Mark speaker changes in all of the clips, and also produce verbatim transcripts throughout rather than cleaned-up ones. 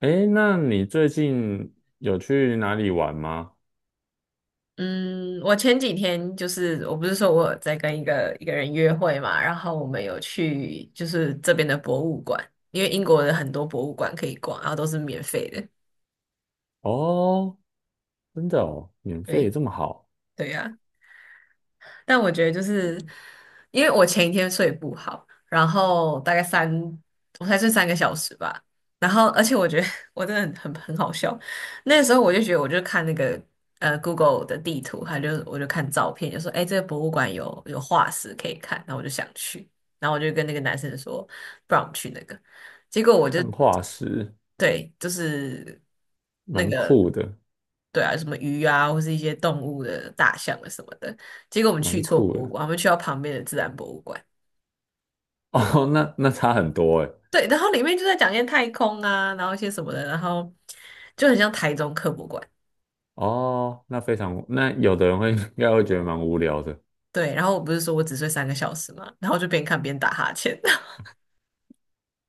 Speaker 1: 诶，那你最近有去哪里玩吗？
Speaker 2: 嗯，我前几天就是我不是说我有在跟一个一个人约会嘛，然后我们有去就是这边的博物馆，因为英国的很多博物馆可以逛，然后都是免费的。
Speaker 1: 哦，真的哦，免费
Speaker 2: 对，
Speaker 1: 这么好，
Speaker 2: 对呀、但我觉得就是因为我前一天睡不好，然后大概三，我才睡三个小时吧。然后，而且我觉得 我真的很很很好笑。那时候我就觉得，我就看那个呃 Google 的地图，还就我就看照片，就说哎，诶这个博物馆有有化石可以看，然后我就想去，然后我就跟那个男生说，不然我们去那个。结果我就
Speaker 1: 看化石，
Speaker 2: 对，就是那
Speaker 1: 蛮
Speaker 2: 个
Speaker 1: 酷的，
Speaker 2: 对啊，什么鱼啊，或是一些动物的大象啊什么的。结果我们去
Speaker 1: 蛮
Speaker 2: 错
Speaker 1: 酷
Speaker 2: 博物
Speaker 1: 的。
Speaker 2: 馆，我们去到旁边的自然博物馆。
Speaker 1: 哦，那那差很多诶。
Speaker 2: 对，然后里面就在讲一些太空啊，然后一些什么的，然后就很像台中科博馆。
Speaker 1: 哦，那非常，那有的人会 应该会觉得蛮无聊的。
Speaker 2: 对，然后我不是说我只睡三个小时嘛，然后我就边看边打哈欠。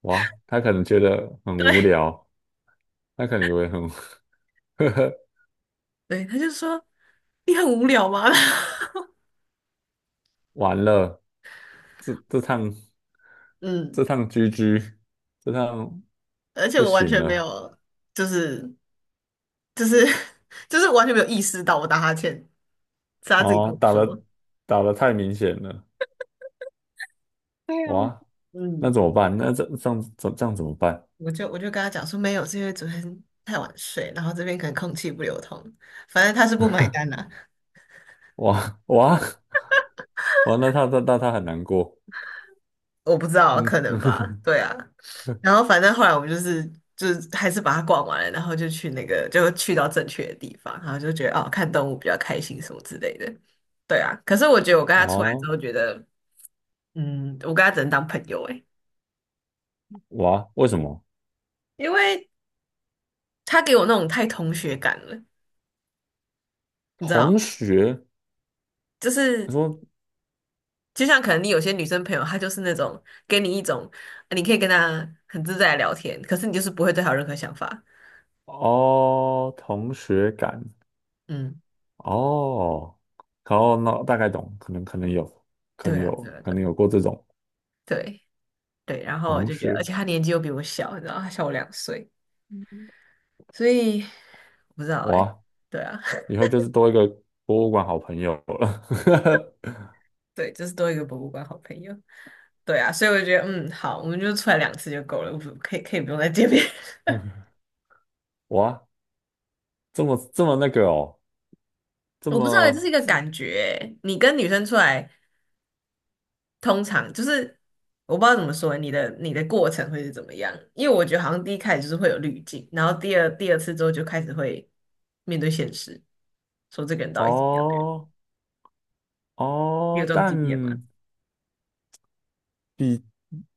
Speaker 1: 哇，他可能觉得很无
Speaker 2: 对，
Speaker 1: 聊，他可能以为很 呵呵，
Speaker 2: 对，他就说你很无聊吗？
Speaker 1: 完了，这这趟这
Speaker 2: 嗯，
Speaker 1: 趟 G G,这趟
Speaker 2: 而且
Speaker 1: 不
Speaker 2: 我完
Speaker 1: 行
Speaker 2: 全没
Speaker 1: 了。
Speaker 2: 有，就是就是 就是完全没有意识到我打哈欠，是他自己跟
Speaker 1: 哦，
Speaker 2: 我
Speaker 1: 打
Speaker 2: 说。
Speaker 1: 的打的太明显了。哇，那
Speaker 2: 嗯。
Speaker 1: 怎么办？那这这样怎这样怎么办？
Speaker 2: 我 就我就跟他讲说没有，是因为昨天太晚睡，然后这边可能空气不流通，反正他是不买单的。
Speaker 1: 哇哇哇，那他他那他很难过。
Speaker 2: 我不知道，可
Speaker 1: 嗯，
Speaker 2: 能吧，对啊。然后反正后来我们就是就是还是把它逛完了，然后就去那个就去到正确的地方，然后就觉得哦，看动物比较开心什么之类的，对啊。可是我觉得我跟他出来之
Speaker 1: 哦，
Speaker 2: 后，觉得嗯，我跟他只能当朋友诶，
Speaker 1: 哇，为什么？
Speaker 2: 因为他给我那种太同学感了，你知道，
Speaker 1: 同学，
Speaker 2: 就
Speaker 1: 他
Speaker 2: 是
Speaker 1: 说
Speaker 2: 就像可能你有些女生朋友，她就是那种给你一种，呃你可以跟她很自在地聊天，可是你就是不会对她有任何想法。
Speaker 1: 哦，同学感
Speaker 2: 嗯，
Speaker 1: 哦，然后那大概懂，可能可能有，可
Speaker 2: 对
Speaker 1: 能
Speaker 2: 啊，对
Speaker 1: 有，
Speaker 2: 啊，
Speaker 1: 可
Speaker 2: 对啊
Speaker 1: 能有过这种
Speaker 2: 对对。然后我
Speaker 1: 同
Speaker 2: 就觉得，而
Speaker 1: 学。
Speaker 2: 且她年纪又比我小，你知道，她小我两岁，所以我不知道哎、
Speaker 1: 哇，
Speaker 2: 对啊，
Speaker 1: 以后就是多一个博物馆好朋友了。
Speaker 2: 对，就是多一个博物馆好朋友。对啊，所以我就觉得，嗯，好，我们就出来两次就够了，我不可以可以不用再见面。
Speaker 1: 哇，这么这么那个哦，这
Speaker 2: 我不知道欸，这
Speaker 1: 么。
Speaker 2: 是一个感觉欸，你跟女生出来。通常就是我不知道怎么说，你的你的过程会是怎么样？因为我觉得好像第一开始就是会有滤镜，然后第二第二次之后就开始会面对现实，说这个人到底是怎么样的人？
Speaker 1: 哦
Speaker 2: 你有
Speaker 1: 哦，
Speaker 2: 这种
Speaker 1: 但
Speaker 2: 经验吗？
Speaker 1: 比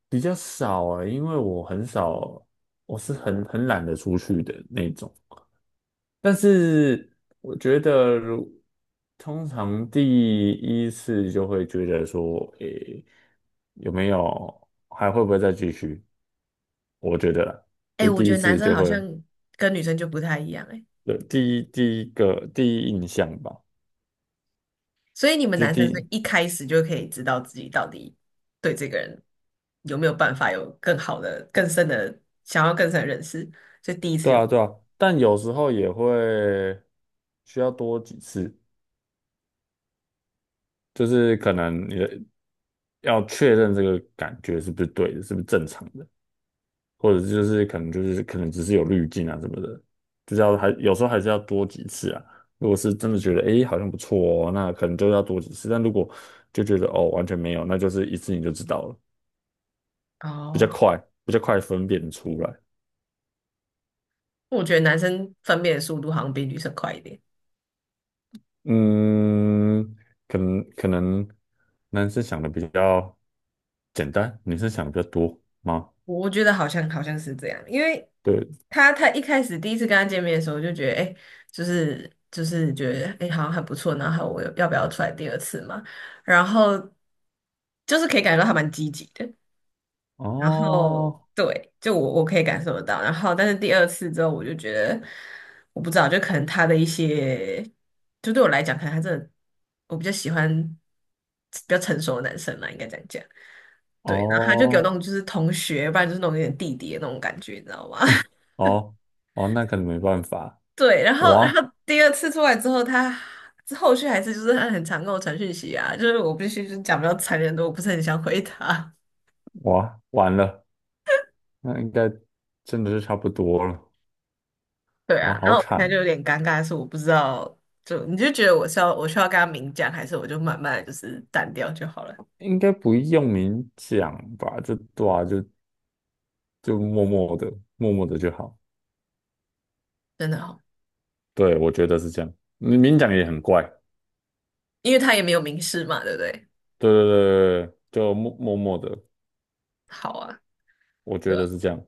Speaker 1: 比较少啊，因为我很少，我是很很懒得出去的那种。但是我觉得如，通常第一次就会觉得说，诶，有没有还会不会再继续？我觉得啦
Speaker 2: 哎、
Speaker 1: 这
Speaker 2: 我
Speaker 1: 第
Speaker 2: 觉
Speaker 1: 一
Speaker 2: 得男
Speaker 1: 次
Speaker 2: 生
Speaker 1: 就
Speaker 2: 好
Speaker 1: 会，
Speaker 2: 像跟女生就不太一样哎、
Speaker 1: 对，第一第一个第一印象吧。
Speaker 2: 所以你们
Speaker 1: 就是
Speaker 2: 男生是
Speaker 1: 第，
Speaker 2: 一开始就可以知道自己到底对这个人有没有办法有更好的、更深的想要更深的认识，所以第一次
Speaker 1: 对
Speaker 2: 就
Speaker 1: 啊，
Speaker 2: 知
Speaker 1: 对啊，
Speaker 2: 道。
Speaker 1: 但有时候也会需要多几次，就是可能你的要确认这个感觉是不是对的，是不是正常的，或者就是可能就是可能只是有滤镜啊什么的，就是要还有时候还是要多几次啊。如果是真的觉得诶好像不错哦，那可能就要多几次，但如果就觉得哦完全没有，那就是一次你就知道了，比较
Speaker 2: 哦，
Speaker 1: 快，比较快分辨出来。
Speaker 2: 我觉得男生分辨的速度好像比女生快一点。
Speaker 1: 嗯，可能可能男生想的比较简单，女生想的比较多吗？
Speaker 2: 我觉得好像好像是这样，因为
Speaker 1: 对，
Speaker 2: 他他一开始第一次跟他见面的时候，我就觉得哎、诶就是就是觉得哎、诶好像很不错，然后我要不要出来第二次嘛？然后就是可以感觉到他蛮积极的，然后
Speaker 1: 哦，
Speaker 2: 对，就我我可以感受得到，然后但是第二次之后，我就觉得我不知道，就可能他的一些，就对我来讲，可能他真的我比较喜欢比较成熟的男生嘛，应该这样讲。对，然后他就给我那
Speaker 1: 哦
Speaker 2: 种就是同学，不然就是那种有点弟弟的那种感觉，你知道吗？
Speaker 1: 哦哦，那可能没办法。
Speaker 2: 对，然后
Speaker 1: 我
Speaker 2: 然
Speaker 1: 啊
Speaker 2: 后第二次出来之后，他后续还是就是他很常跟我传讯息啊，就是我必须就是讲比较残忍的，我不是很想回他。
Speaker 1: 我啊完了，那应该真的是差不多了。
Speaker 2: 对
Speaker 1: 哇，
Speaker 2: 啊，然
Speaker 1: 好
Speaker 2: 后我现在就有
Speaker 1: 惨，
Speaker 2: 点尴尬，是我不知道，就你就觉得我是要我需要跟他明讲，还是我就慢慢的就是淡掉就好了？
Speaker 1: 应该不用明讲吧？就对啊就就默默的，默默的就好。
Speaker 2: 真的好，
Speaker 1: 对，我觉得是这样。你明讲也很怪。
Speaker 2: 因为他也没有明示嘛，对不对？
Speaker 1: 对对对对对，就默默默的，
Speaker 2: 好啊，
Speaker 1: 我觉
Speaker 2: 对吧？
Speaker 1: 得是这样，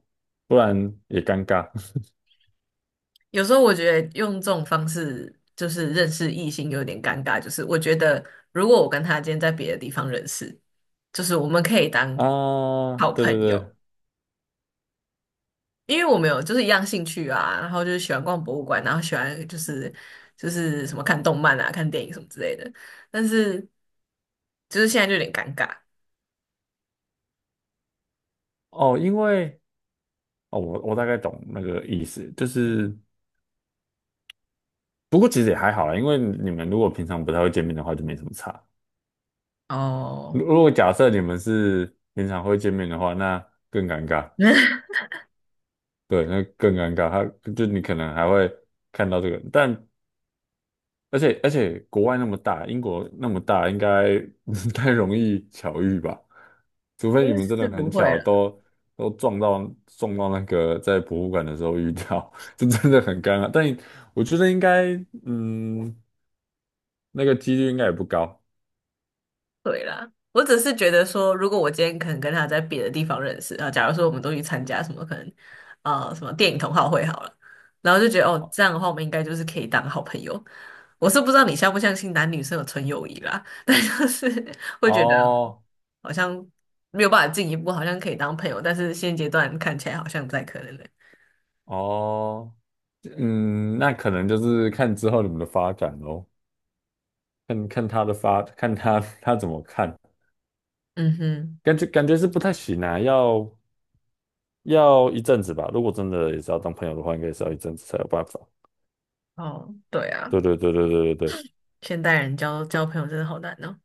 Speaker 1: 不然也尴尬
Speaker 2: 有时候我觉得用这种方式就是认识异性有点尴尬，就是我觉得如果我跟他今天在别的地方认识，就是我们可以 当
Speaker 1: 啊。
Speaker 2: 好
Speaker 1: 对对
Speaker 2: 朋
Speaker 1: 对，
Speaker 2: 友，因为我们有就是一样兴趣啊，然后就是喜欢逛博物馆，然后喜欢就是就是什么看动漫啊、看电影什么之类的，但是就是现在就有点尴尬
Speaker 1: 哦，因为哦，我我大概懂那个意思，就是。不过其实也还好啦，因为你们如果平常不太会见面的话，就没什么差。
Speaker 2: 哦，
Speaker 1: 如如果假设你们是平常会见面的话，那更尴尬。
Speaker 2: 那
Speaker 1: 对，那更尴尬。他就你可能还会看到这个，但而且而且国外那么大，英国那么大，应该 不太容易巧遇吧？除
Speaker 2: 那
Speaker 1: 非你们真
Speaker 2: 是
Speaker 1: 的
Speaker 2: 不
Speaker 1: 很
Speaker 2: 会
Speaker 1: 巧，
Speaker 2: 了。
Speaker 1: 都都撞到撞到那个在博物馆的时候遇到，这真的很尴尬。但我觉得应该，嗯，那个几率应该也不高
Speaker 2: 对啦，我只是觉得说，如果我今天可能跟他在别的地方认识，啊，假如说我们都去参加什么可能，啊什么电影同好会好了，然后就觉得哦，这样的话我们应该就是可以当好朋友。我是不知道你相不相信男女生有纯友谊啦，但就是 会觉得
Speaker 1: 哦。
Speaker 2: 好像没有办法进一步，好像可以当朋友，但是现阶段看起来好像不太可能的
Speaker 1: 哦，嗯，那可能就是看之后你们的发展咯，看看他的发，看他 他怎么看，
Speaker 2: 嗯哼，
Speaker 1: 感觉感觉是不太行啊，要要一阵子吧。如果真的也是要当朋友的话，应该也是要一阵子才有办法。
Speaker 2: 哦，对啊，
Speaker 1: 对对对对对对对。
Speaker 2: 现代人交交朋友真的好难哦。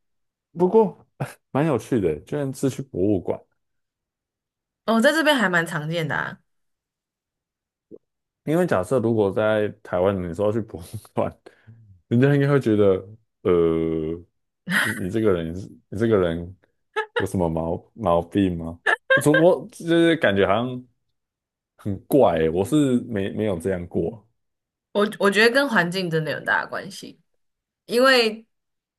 Speaker 1: 不过 蛮有趣的，居然是去博物馆。
Speaker 2: 哦，在这边还蛮常见的啊。
Speaker 1: 因为假设如果在台湾，你说要去博物馆，人家应该会觉得，呃，你你这个人是，你这个人有什么毛毛病吗？从我就是感觉好像很怪欸我是没没有这样过
Speaker 2: 我我觉得跟环境真的有很大的关系，因为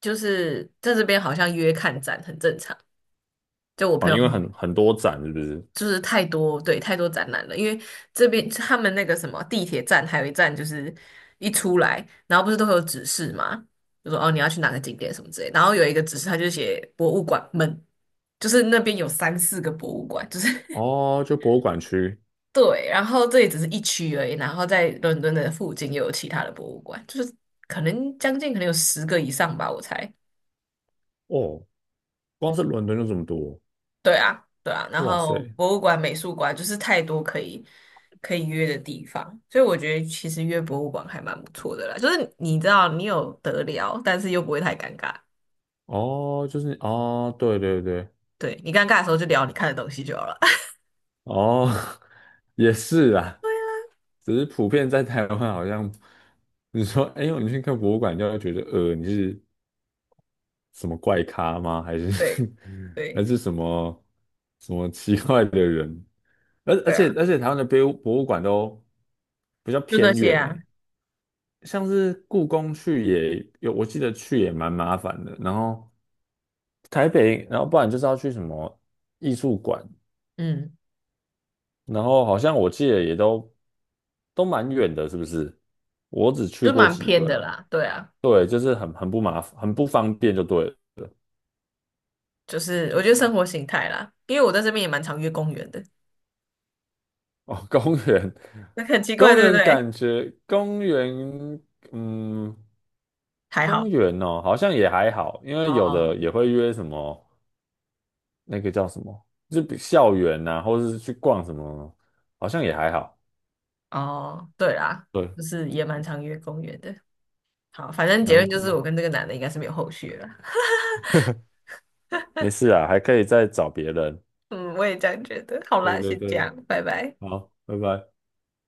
Speaker 2: 就是在这边好像约看展很正常。就我朋
Speaker 1: 啊，
Speaker 2: 友
Speaker 1: 因
Speaker 2: 他
Speaker 1: 为
Speaker 2: 们
Speaker 1: 很很多展是不是？
Speaker 2: 就是太多，对，太多展览了，因为这边他们那个什么地铁站还有一站就是一出来，然后不是都会有指示嘛，就说哦你要去哪个景点什么之类，然后有一个指示他就写博物馆们，就是那边有三四个博物馆，就是
Speaker 1: 哦，就博物馆区
Speaker 2: 对，然后这也只是一区而已，然后在伦敦的附近又有其他的博物馆，就是可能将近可能有十个以上吧，我猜。
Speaker 1: 哦，光是伦敦就这么多，
Speaker 2: 对啊，对啊，然
Speaker 1: 哇
Speaker 2: 后
Speaker 1: 塞，
Speaker 2: 博物馆、美术馆就是太多可以可以约的地方，所以我觉得其实约博物馆还蛮不错的啦，就是你知道你有得聊，但是又不会太尴尬。
Speaker 1: 哦，就是哦，对对对，
Speaker 2: 对，你尴尬的时候就聊你看的东西就好了。
Speaker 1: 哦，也是啊，只是普遍在台湾好像，你说，哎呦，你去看博物馆，就会觉得，呃，你是。什么怪咖吗？还是
Speaker 2: 对
Speaker 1: 还
Speaker 2: 对
Speaker 1: 是什么什么奇怪的人？而而
Speaker 2: 对
Speaker 1: 且
Speaker 2: 啊，
Speaker 1: 而且台湾的博物博物馆都比较
Speaker 2: 就那
Speaker 1: 偏
Speaker 2: 些
Speaker 1: 远呢，
Speaker 2: 啊，
Speaker 1: 像是故宫去也有，我记得去也蛮麻烦的。然后台北，然后不然就是要去什么艺术馆，
Speaker 2: 嗯，
Speaker 1: 然后好像我记得也都都蛮远的，是不是？我只去
Speaker 2: 就
Speaker 1: 过
Speaker 2: 蛮
Speaker 1: 几
Speaker 2: 偏
Speaker 1: 个
Speaker 2: 的
Speaker 1: 啊，
Speaker 2: 啦，对啊。
Speaker 1: 对，就是很很不麻烦，很不方便就对了。
Speaker 2: 就是我觉得生活形态啦，因为我在这边也蛮常约公园的，
Speaker 1: 哦，公园，
Speaker 2: 那很奇怪，
Speaker 1: 公
Speaker 2: 对不
Speaker 1: 园
Speaker 2: 对？
Speaker 1: 感觉公园，嗯，
Speaker 2: 还好，
Speaker 1: 公园哦，好像也还好，因为有的
Speaker 2: 哦
Speaker 1: 也会约什么那个叫什么，就比校园呐、或者是去逛什么，好像也还好。
Speaker 2: 哦，对啦，
Speaker 1: 对，
Speaker 2: 就是也蛮常约公园的。好，反正结论就是
Speaker 1: 蛮
Speaker 2: 我跟这个男的应该是没有后续了。
Speaker 1: 没事啊，还可以再找别人。
Speaker 2: 嗯，我也这样觉得。好
Speaker 1: 对
Speaker 2: 啦，
Speaker 1: 对
Speaker 2: 先这
Speaker 1: 对，
Speaker 2: 样，拜拜。
Speaker 1: 好，拜拜。